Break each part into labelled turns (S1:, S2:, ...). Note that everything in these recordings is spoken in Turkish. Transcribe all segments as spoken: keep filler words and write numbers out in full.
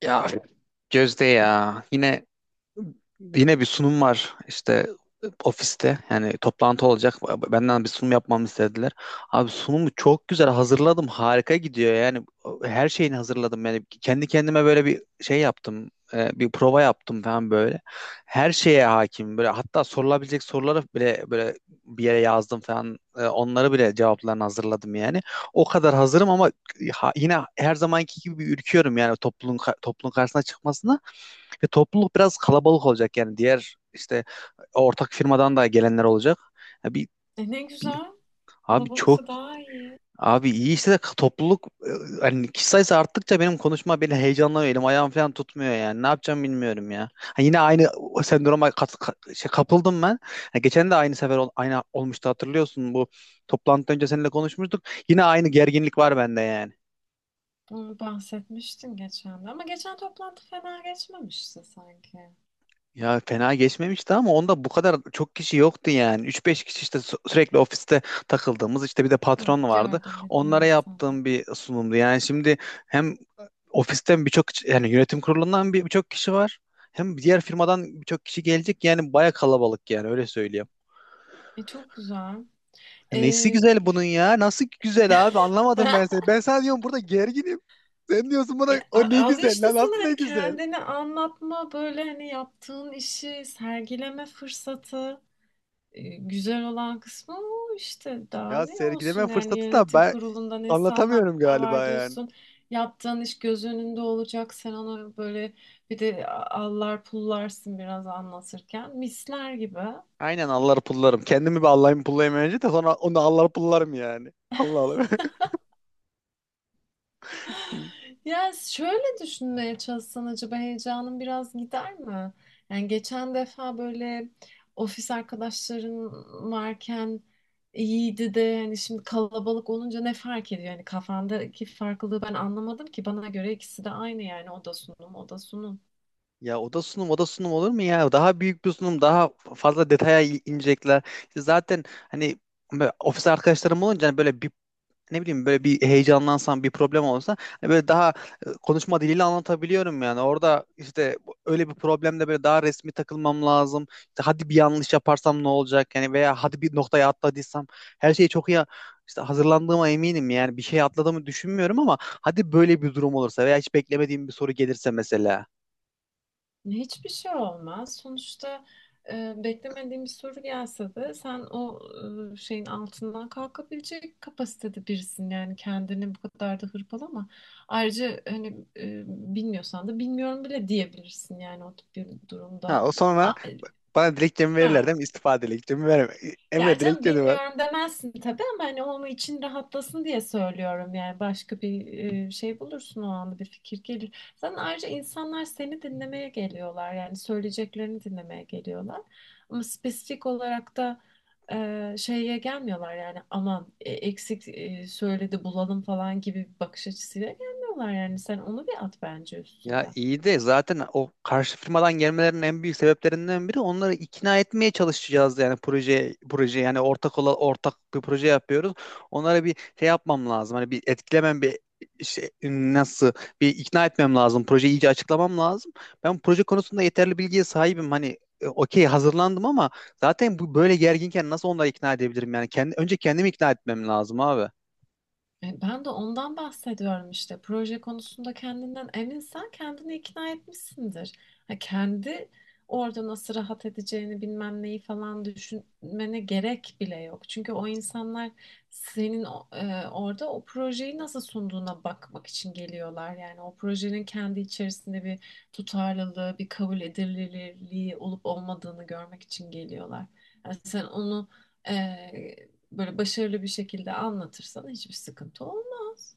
S1: Ya Gözde ya yine Yine bir sunum var işte ofiste yani toplantı olacak benden bir sunum yapmamı istediler. Abi sunumu çok güzel hazırladım, harika gidiyor yani her şeyini hazırladım, yani kendi kendime böyle bir şey yaptım, e, bir prova yaptım falan böyle. Her şeye hakim böyle, hatta sorulabilecek soruları bile böyle bir yere yazdım falan. E, onları bile, cevaplarını hazırladım yani. O kadar hazırım ama ha- yine her zamanki gibi ürküyorum yani topluluğun ka- topluluğun karşısına çıkmasına. Ve topluluk biraz kalabalık olacak yani, diğer işte ortak firmadan da gelenler olacak. Ya bir,
S2: E ne
S1: bir-
S2: güzel.
S1: abi çok,
S2: Kalabalıksa daha iyi.
S1: abi iyi işte de topluluk e, hani kişi sayısı arttıkça benim konuşma beni heyecanlanıyor, elim ayağım falan tutmuyor yani, ne yapacağım bilmiyorum ya. Ha, yine aynı o sendroma kat- ka- şey, kapıldım ben. Ha, geçen de aynı sefer ol- aynı olmuştu, hatırlıyorsun, bu toplantıdan önce seninle konuşmuştuk. Yine aynı gerginlik var bende yani.
S2: Onu bahsetmiştin geçen de. Ama geçen toplantı fena geçmemişti sanki.
S1: Ya fena geçmemişti ama onda bu kadar çok kişi yoktu yani. Üç beş kişi işte, sü- sürekli ofiste takıldığımız, işte bir de
S2: Hı,
S1: patron vardı.
S2: gördüm bildiğin
S1: Onlara
S2: insanı.
S1: yaptığım bir sunumdu. Yani şimdi hem ofisten birçok ç- yani yönetim kurulundan bir- birçok kişi var. Hem diğer firmadan birçok kişi gelecek. Yani baya kalabalık, yani öyle söyleyeyim.
S2: E çok güzel.
S1: Nesi
S2: E,
S1: güzel bunun ya? Nasıl güzel abi? Anlamadım ben seni. Ben sana diyorum burada gerginim. Sen diyorsun
S2: e,
S1: bana o
S2: a-
S1: ne
S2: al
S1: güzel
S2: işte
S1: lan, nasıl
S2: sana
S1: ne
S2: hani
S1: güzel.
S2: kendini anlatma böyle hani yaptığın işi sergileme fırsatı. E, güzel olan kısmı o işte daha
S1: Ya
S2: ne
S1: sergileme
S2: olsun yani
S1: fırsatı da,
S2: yönetim
S1: ben
S2: kurulundan insanlar
S1: anlatamıyorum
S2: var
S1: galiba yani.
S2: diyorsun. Yaptığın iş göz önünde olacak. Sen onu böyle bir de allar pullarsın biraz anlatırken. Misler gibi.
S1: Aynen, allar pullarım. Kendimi bir allayım pullayayım önce de, sonra onu allar pullarım yani. Allah Allah.
S2: Ya şöyle düşünmeye çalışsan acaba heyecanın biraz gider mi? Yani geçen defa böyle ofis arkadaşların varken iyiydi de hani şimdi kalabalık olunca ne fark ediyor? Yani kafandaki farklılığı ben anlamadım ki bana göre ikisi de aynı yani o da sunum o da sunum.
S1: Ya oda sunum oda sunum olur mu ya? Daha büyük bir sunum, daha fazla detaya i- inecekler. İşte zaten hani böyle ofis arkadaşlarım olunca hani böyle bir, ne bileyim, böyle bir heyecanlansam, bir problem olsa, hani böyle daha e, konuşma diliyle anlatabiliyorum yani. Orada işte bu- öyle bir problemde böyle daha resmi takılmam lazım. İşte hadi bir yanlış yaparsam ne olacak yani, veya hadi bir noktaya atladıysam, her şeyi çok iyi işte hazırlandığıma eminim yani, bir şey atladığımı düşünmüyorum ama hadi böyle bir durum olursa veya hiç beklemediğim bir soru gelirse mesela.
S2: Hiçbir şey olmaz. Sonuçta e, beklemediğin bir soru gelse de sen o e, şeyin altından kalkabilecek kapasitede birisin. Yani kendini bu kadar da hırpalama. Ayrıca hani e, bilmiyorsan da bilmiyorum bile diyebilirsin yani o tip bir durumda.
S1: Ha, o
S2: A-
S1: sonra
S2: e,
S1: bana dilekçemi verirler
S2: Ha,
S1: değil mi? İstifa dilekçemi verme.
S2: ya
S1: Emre
S2: canım
S1: dilekçeni ver.
S2: bilmiyorum demezsin tabii ama hani onun için rahatlasın diye söylüyorum yani başka bir e, şey bulursun o anda bir fikir gelir. Zaten ayrıca insanlar seni dinlemeye geliyorlar yani söyleyeceklerini dinlemeye geliyorlar ama spesifik olarak da e, şeye gelmiyorlar yani aman e, eksik e, söyledi bulalım falan gibi bir bakış açısıyla gelmiyorlar yani sen onu bir at bence
S1: Ya
S2: üstünden.
S1: iyi de, zaten o karşı firmadan gelmelerinin en büyük sebeplerinden biri, onları ikna etmeye çalışacağız yani, proje proje yani, ortak ola, ortak bir proje yapıyoruz. Onlara bir şey yapmam lazım. Hani bir etkilemem, bir şey, nasıl bir ikna etmem lazım. Projeyi iyice açıklamam lazım. Ben proje konusunda yeterli bilgiye sahibim. Hani e, okey, hazırlandım ama zaten bu böyle gerginken nasıl onları ikna edebilirim yani, kendi önce kendimi ikna etmem lazım abi.
S2: E, Ben de ondan bahsediyorum işte. Proje konusunda kendinden eminsen kendini ikna etmişsindir. Ha, kendi orada nasıl rahat edeceğini bilmem neyi falan düşünmene gerek bile yok. Çünkü o insanlar senin o- e, orada o projeyi nasıl sunduğuna bakmak için geliyorlar. Yani o projenin kendi içerisinde bir tutarlılığı, bir kabul edilirliği olup olmadığını görmek için geliyorlar. Yani sen onu e, böyle başarılı bir şekilde anlatırsan hiçbir sıkıntı olmaz.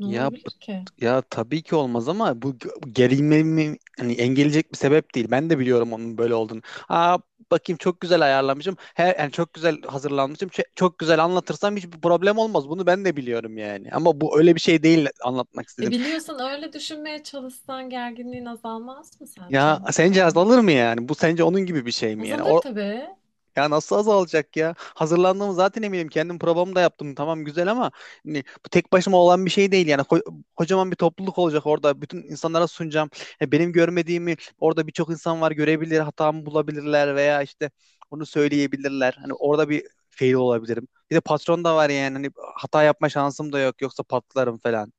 S2: Ne
S1: Ya bu-
S2: olabilir ki?
S1: Ya tabii ki olmaz ama bu g- gerilmemi hani engelleyecek bir sebep değil. Ben de biliyorum onun böyle olduğunu. Aa, bakayım, çok güzel ayarlamışım. Her, yani çok güzel hazırlanmışım. Ç- Çok güzel anlatırsam hiçbir problem olmaz. Bunu ben de biliyorum yani. Ama bu öyle bir şey değil, anlatmak
S2: E
S1: istedim.
S2: biliyorsan öyle düşünmeye çalışsan gerginliğin azalmaz mı sence?
S1: Ya
S2: E,
S1: sence azalır mı yani? Bu sence onun gibi bir şey mi yani?
S2: azalır tabii.
S1: Ya nasıl azalacak ya? Hazırlandığımı zaten eminim. Kendim probamı da yaptım. Tamam, güzel, ama hani bu tek başıma olan bir şey değil. Yani ko- kocaman bir topluluk olacak orada. Bütün insanlara sunacağım. Ya benim görmediğimi orada birçok insan var, görebilir, hatamı bulabilirler veya işte onu söyleyebilirler. Hani orada bir fail olabilirim. Bir de patron da var yani. Hani hata yapma şansım da yok. Yoksa patlarım falan.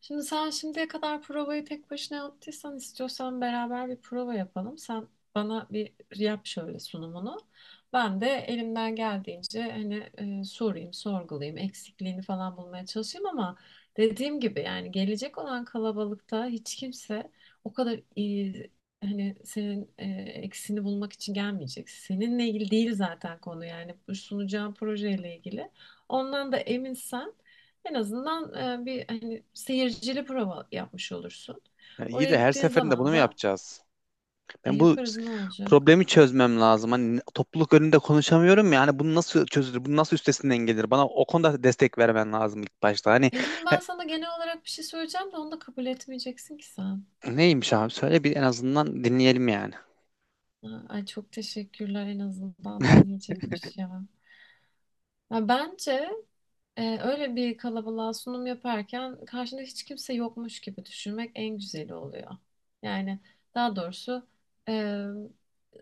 S2: Şimdi sen şimdiye kadar provayı tek başına yaptıysan istiyorsan beraber bir prova yapalım. Sen bana bir yap şöyle sunumunu. Ben de elimden geldiğince hani e, sorayım, sorgulayayım, eksikliğini falan bulmaya çalışayım ama dediğim gibi yani gelecek olan kalabalıkta hiç kimse o kadar iyi hani senin e, eksini bulmak için gelmeyecek. Seninle ilgili değil zaten konu yani bu sunacağın projeyle ilgili. Ondan da eminsen en azından e, bir hani seyircili prova yapmış olursun.
S1: Yani iyi
S2: Oraya
S1: de, her
S2: gittiğin
S1: seferinde bunu
S2: zaman
S1: mu
S2: da
S1: yapacağız?
S2: e,
S1: Ben bu
S2: yaparız ne olacak?
S1: problemi çözmem lazım. Hani topluluk önünde konuşamıyorum ya. Hani bunu nasıl çözülür? Bunu nasıl üstesinden gelir? Bana o konuda destek vermen lazım ilk başta. Hani
S2: E şimdi ben
S1: he-
S2: sana genel olarak bir şey söyleyeceğim de onu da kabul etmeyeceksin ki sen.
S1: Neymiş abi? Söyle bir, en azından dinleyelim yani.
S2: Ha, Ay çok teşekkürler en azından dinleyecekmiş ya. Ya bence e, öyle bir kalabalığa sunum yaparken karşında hiç kimse yokmuş gibi düşünmek en güzeli oluyor. Yani daha doğrusu e,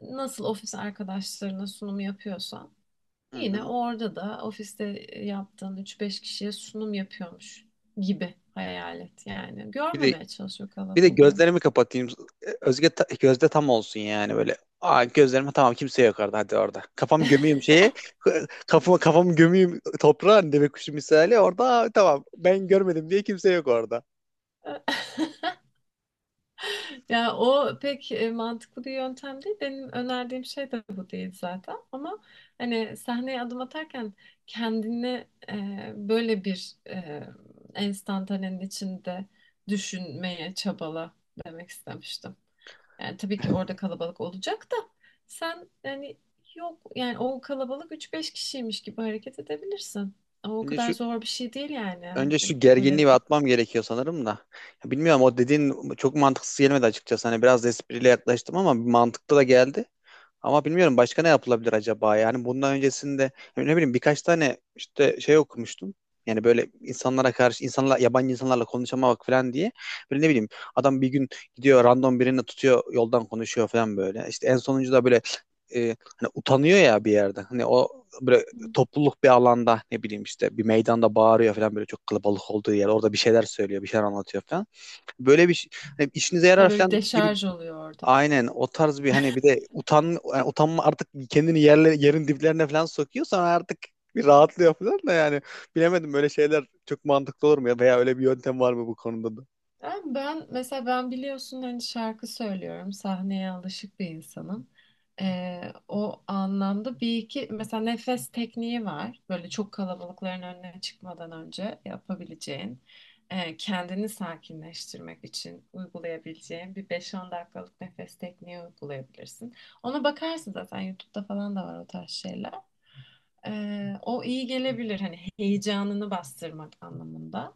S2: nasıl ofis arkadaşlarına sunumu yapıyorsan
S1: Hı
S2: yine
S1: hı.
S2: orada da ofiste e, yaptığın üç beş kişiye sunum yapıyormuş gibi hayal et yani.
S1: Bir de
S2: Görmemeye çalışıyor
S1: Bir de
S2: kalabalığı.
S1: gözlerimi kapatayım. Özge ta- gözde tam olsun yani böyle. Aa, gözlerime, tamam kimse yok orada, hadi orada. Kafam gömeyim şeye. Kafamı kafamı gömeyim toprağa, hani deve kuşu misali orada, "Aa, tamam ben görmedim diye kimse yok orada."
S2: Ya o pek e, mantıklı bir yöntem değil. Benim önerdiğim şey de bu değil zaten. Ama hani sahneye adım atarken kendini e, böyle bir e, enstantanenin içinde düşünmeye çabala demek istemiştim. Yani tabii ki orada kalabalık olacak da sen yani yok yani o kalabalık üç beş kişiymiş gibi hareket edebilirsin. Ama o
S1: Önce
S2: kadar
S1: şu
S2: zor bir şey değil yani. Yani
S1: Önce şu
S2: böyle
S1: gerginliği bir
S2: çok
S1: atmam gerekiyor sanırım da. Ya bilmiyorum, o dediğin çok mantıksız gelmedi açıkçası. Hani biraz da espriyle yaklaştım ama mantıklı da geldi. Ama bilmiyorum, başka ne yapılabilir acaba? Yani bundan öncesinde, ne bileyim, birkaç tane işte şey okumuştum. Yani böyle insanlara karşı, insanlar yabancı insanlarla konuşamamak falan diye. Böyle ne bileyim, adam bir gün gidiyor, random birini tutuyor yoldan, konuşuyor falan böyle. İşte en sonuncu da böyle, e, hani utanıyor ya bir yerde. Hani o böyle, topluluk bir alanda, ne bileyim, işte bir meydanda bağırıyor falan böyle, çok kalabalık olduğu yer, orada bir şeyler söylüyor bir şeyler anlatıyor falan. Böyle bir şey- Hani işinize
S2: ya
S1: yarar
S2: böyle bir
S1: falan gibi,
S2: deşarj oluyor.
S1: aynen o tarz bir, hani bir de utan yani utanma artık, kendini yerle, yerin diplerine falan sokuyor, sonra artık bir rahatlıyor falan da yani, bilemedim, böyle şeyler çok mantıklı olur mu ya, veya öyle bir yöntem var mı bu konuda da?
S2: Ben, ben mesela ben biliyorsun hani şarkı söylüyorum. Sahneye alışık bir insanım. Ee, o anlamda bir iki mesela nefes tekniği var. Böyle çok kalabalıkların önüne çıkmadan önce yapabileceğin, e, kendini sakinleştirmek için uygulayabileceğin bir beş on dakikalık nefes tekniği uygulayabilirsin. Ona bakarsın zaten YouTube'da falan da var o tarz şeyler. Ee, o iyi gelebilir hani heyecanını bastırmak anlamında.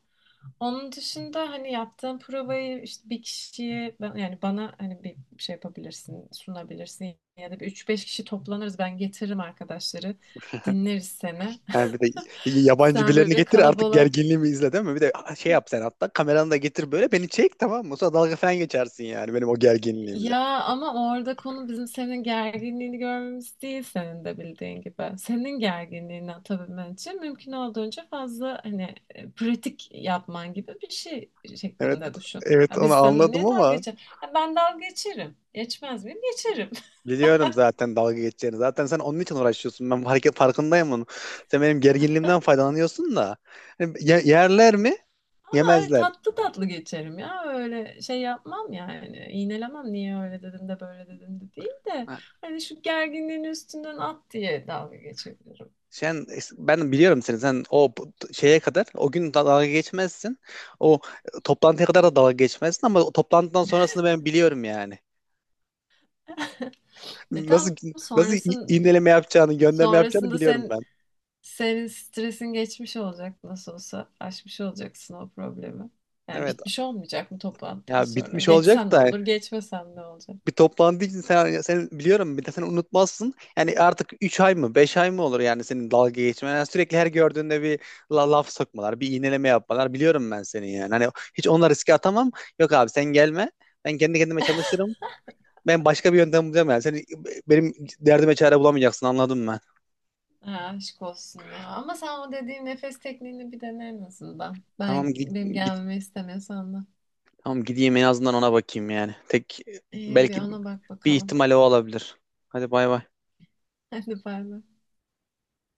S2: Onun dışında hani yaptığım provayı işte bir kişiye ben- yani bana hani bir şey yapabilirsin, sunabilirsin ya da bir üç beş kişi toplanırız ben getiririm arkadaşları dinleriz seni.
S1: Yani bir de y- yabancı
S2: Sen
S1: birilerini
S2: böyle
S1: getir artık,
S2: kalabalığa
S1: gerginliğimi izle değil mi? Bir de ah, şey yap, sen hatta kameranı da getir, böyle beni çek tamam mı? Sonra dalga falan geçersin yani benim o gerginliğimle.
S2: ya ama orada konu bizim senin gerginliğini görmemiz değil senin de bildiğin gibi. Senin gerginliğini atabilmen için mümkün olduğunca fazla hani e, pratik yapman gibi bir şey
S1: Evet,
S2: şeklinde düşün.
S1: evet,
S2: Ya
S1: onu
S2: biz seninle
S1: anladım
S2: niye dalga
S1: ama
S2: geçer? Ya ben dalga geçerim. Geçmez miyim? Geçerim.
S1: biliyorum zaten dalga geçeceğini. Zaten sen onun için uğraşıyorsun. Ben hareket farkındayım onun. Sen benim gerginliğimden faydalanıyorsun da. Hani ye- yerler mi?
S2: Öyle
S1: Yemezler.
S2: tatlı tatlı geçerim ya. Öyle şey yapmam yani. İğnelemem niye öyle dedim de böyle dedim de değil de.
S1: Ha,
S2: Hani şu gerginliğin üstünden at diye dalga geçebilirim.
S1: sen, ben biliyorum seni. Sen o bu- şeye kadar o gün da- dalga geçmezsin. O toplantıya kadar da dalga geçmezsin ama o toplantıdan sonrasını ben biliyorum yani.
S2: E tam
S1: Nasıl Nasıl i-
S2: sonrasın,
S1: iğneleme yapacağını, gönderme yapacağını
S2: sonrasında
S1: biliyorum
S2: sen
S1: ben.
S2: senin stresin geçmiş olacak nasıl olsa. Aşmış olacaksın o problemi. Yani
S1: Evet.
S2: bitmiş olmayacak mı toplantıdan
S1: Ya
S2: sonra.
S1: bitmiş
S2: Geçsem
S1: olacak
S2: ne
S1: da,
S2: olur, geçmesem ne olacak?
S1: bir toplandığı için sen, sen biliyorum, bir de sen unutmazsın. Yani artık üç ay mı beş ay mı olur yani senin dalga geçmen. Yani sürekli her gördüğünde bir la- laf sokmalar, bir iğneleme yapmalar. Biliyorum ben seni yani. Hani hiç onunla riske atamam. Yok abi, sen gelme. Ben kendi kendime çalışırım. Ben başka bir yöntem bulacağım yani. Seni, benim derdime çare bulamayacaksın, anladım ben.
S2: Ha, aşk olsun ya. Ama sen o dediğin nefes tekniğini bir dene en azından. Ben,
S1: Tamam git,
S2: benim
S1: git-
S2: gelmemi istemiyorsan da.
S1: tamam gideyim en azından, ona bakayım yani. Tek,
S2: İyi bir
S1: belki
S2: ona bak
S1: bir
S2: bakalım.
S1: ihtimal o olabilir. Hadi bay bay.
S2: Hadi bay bay.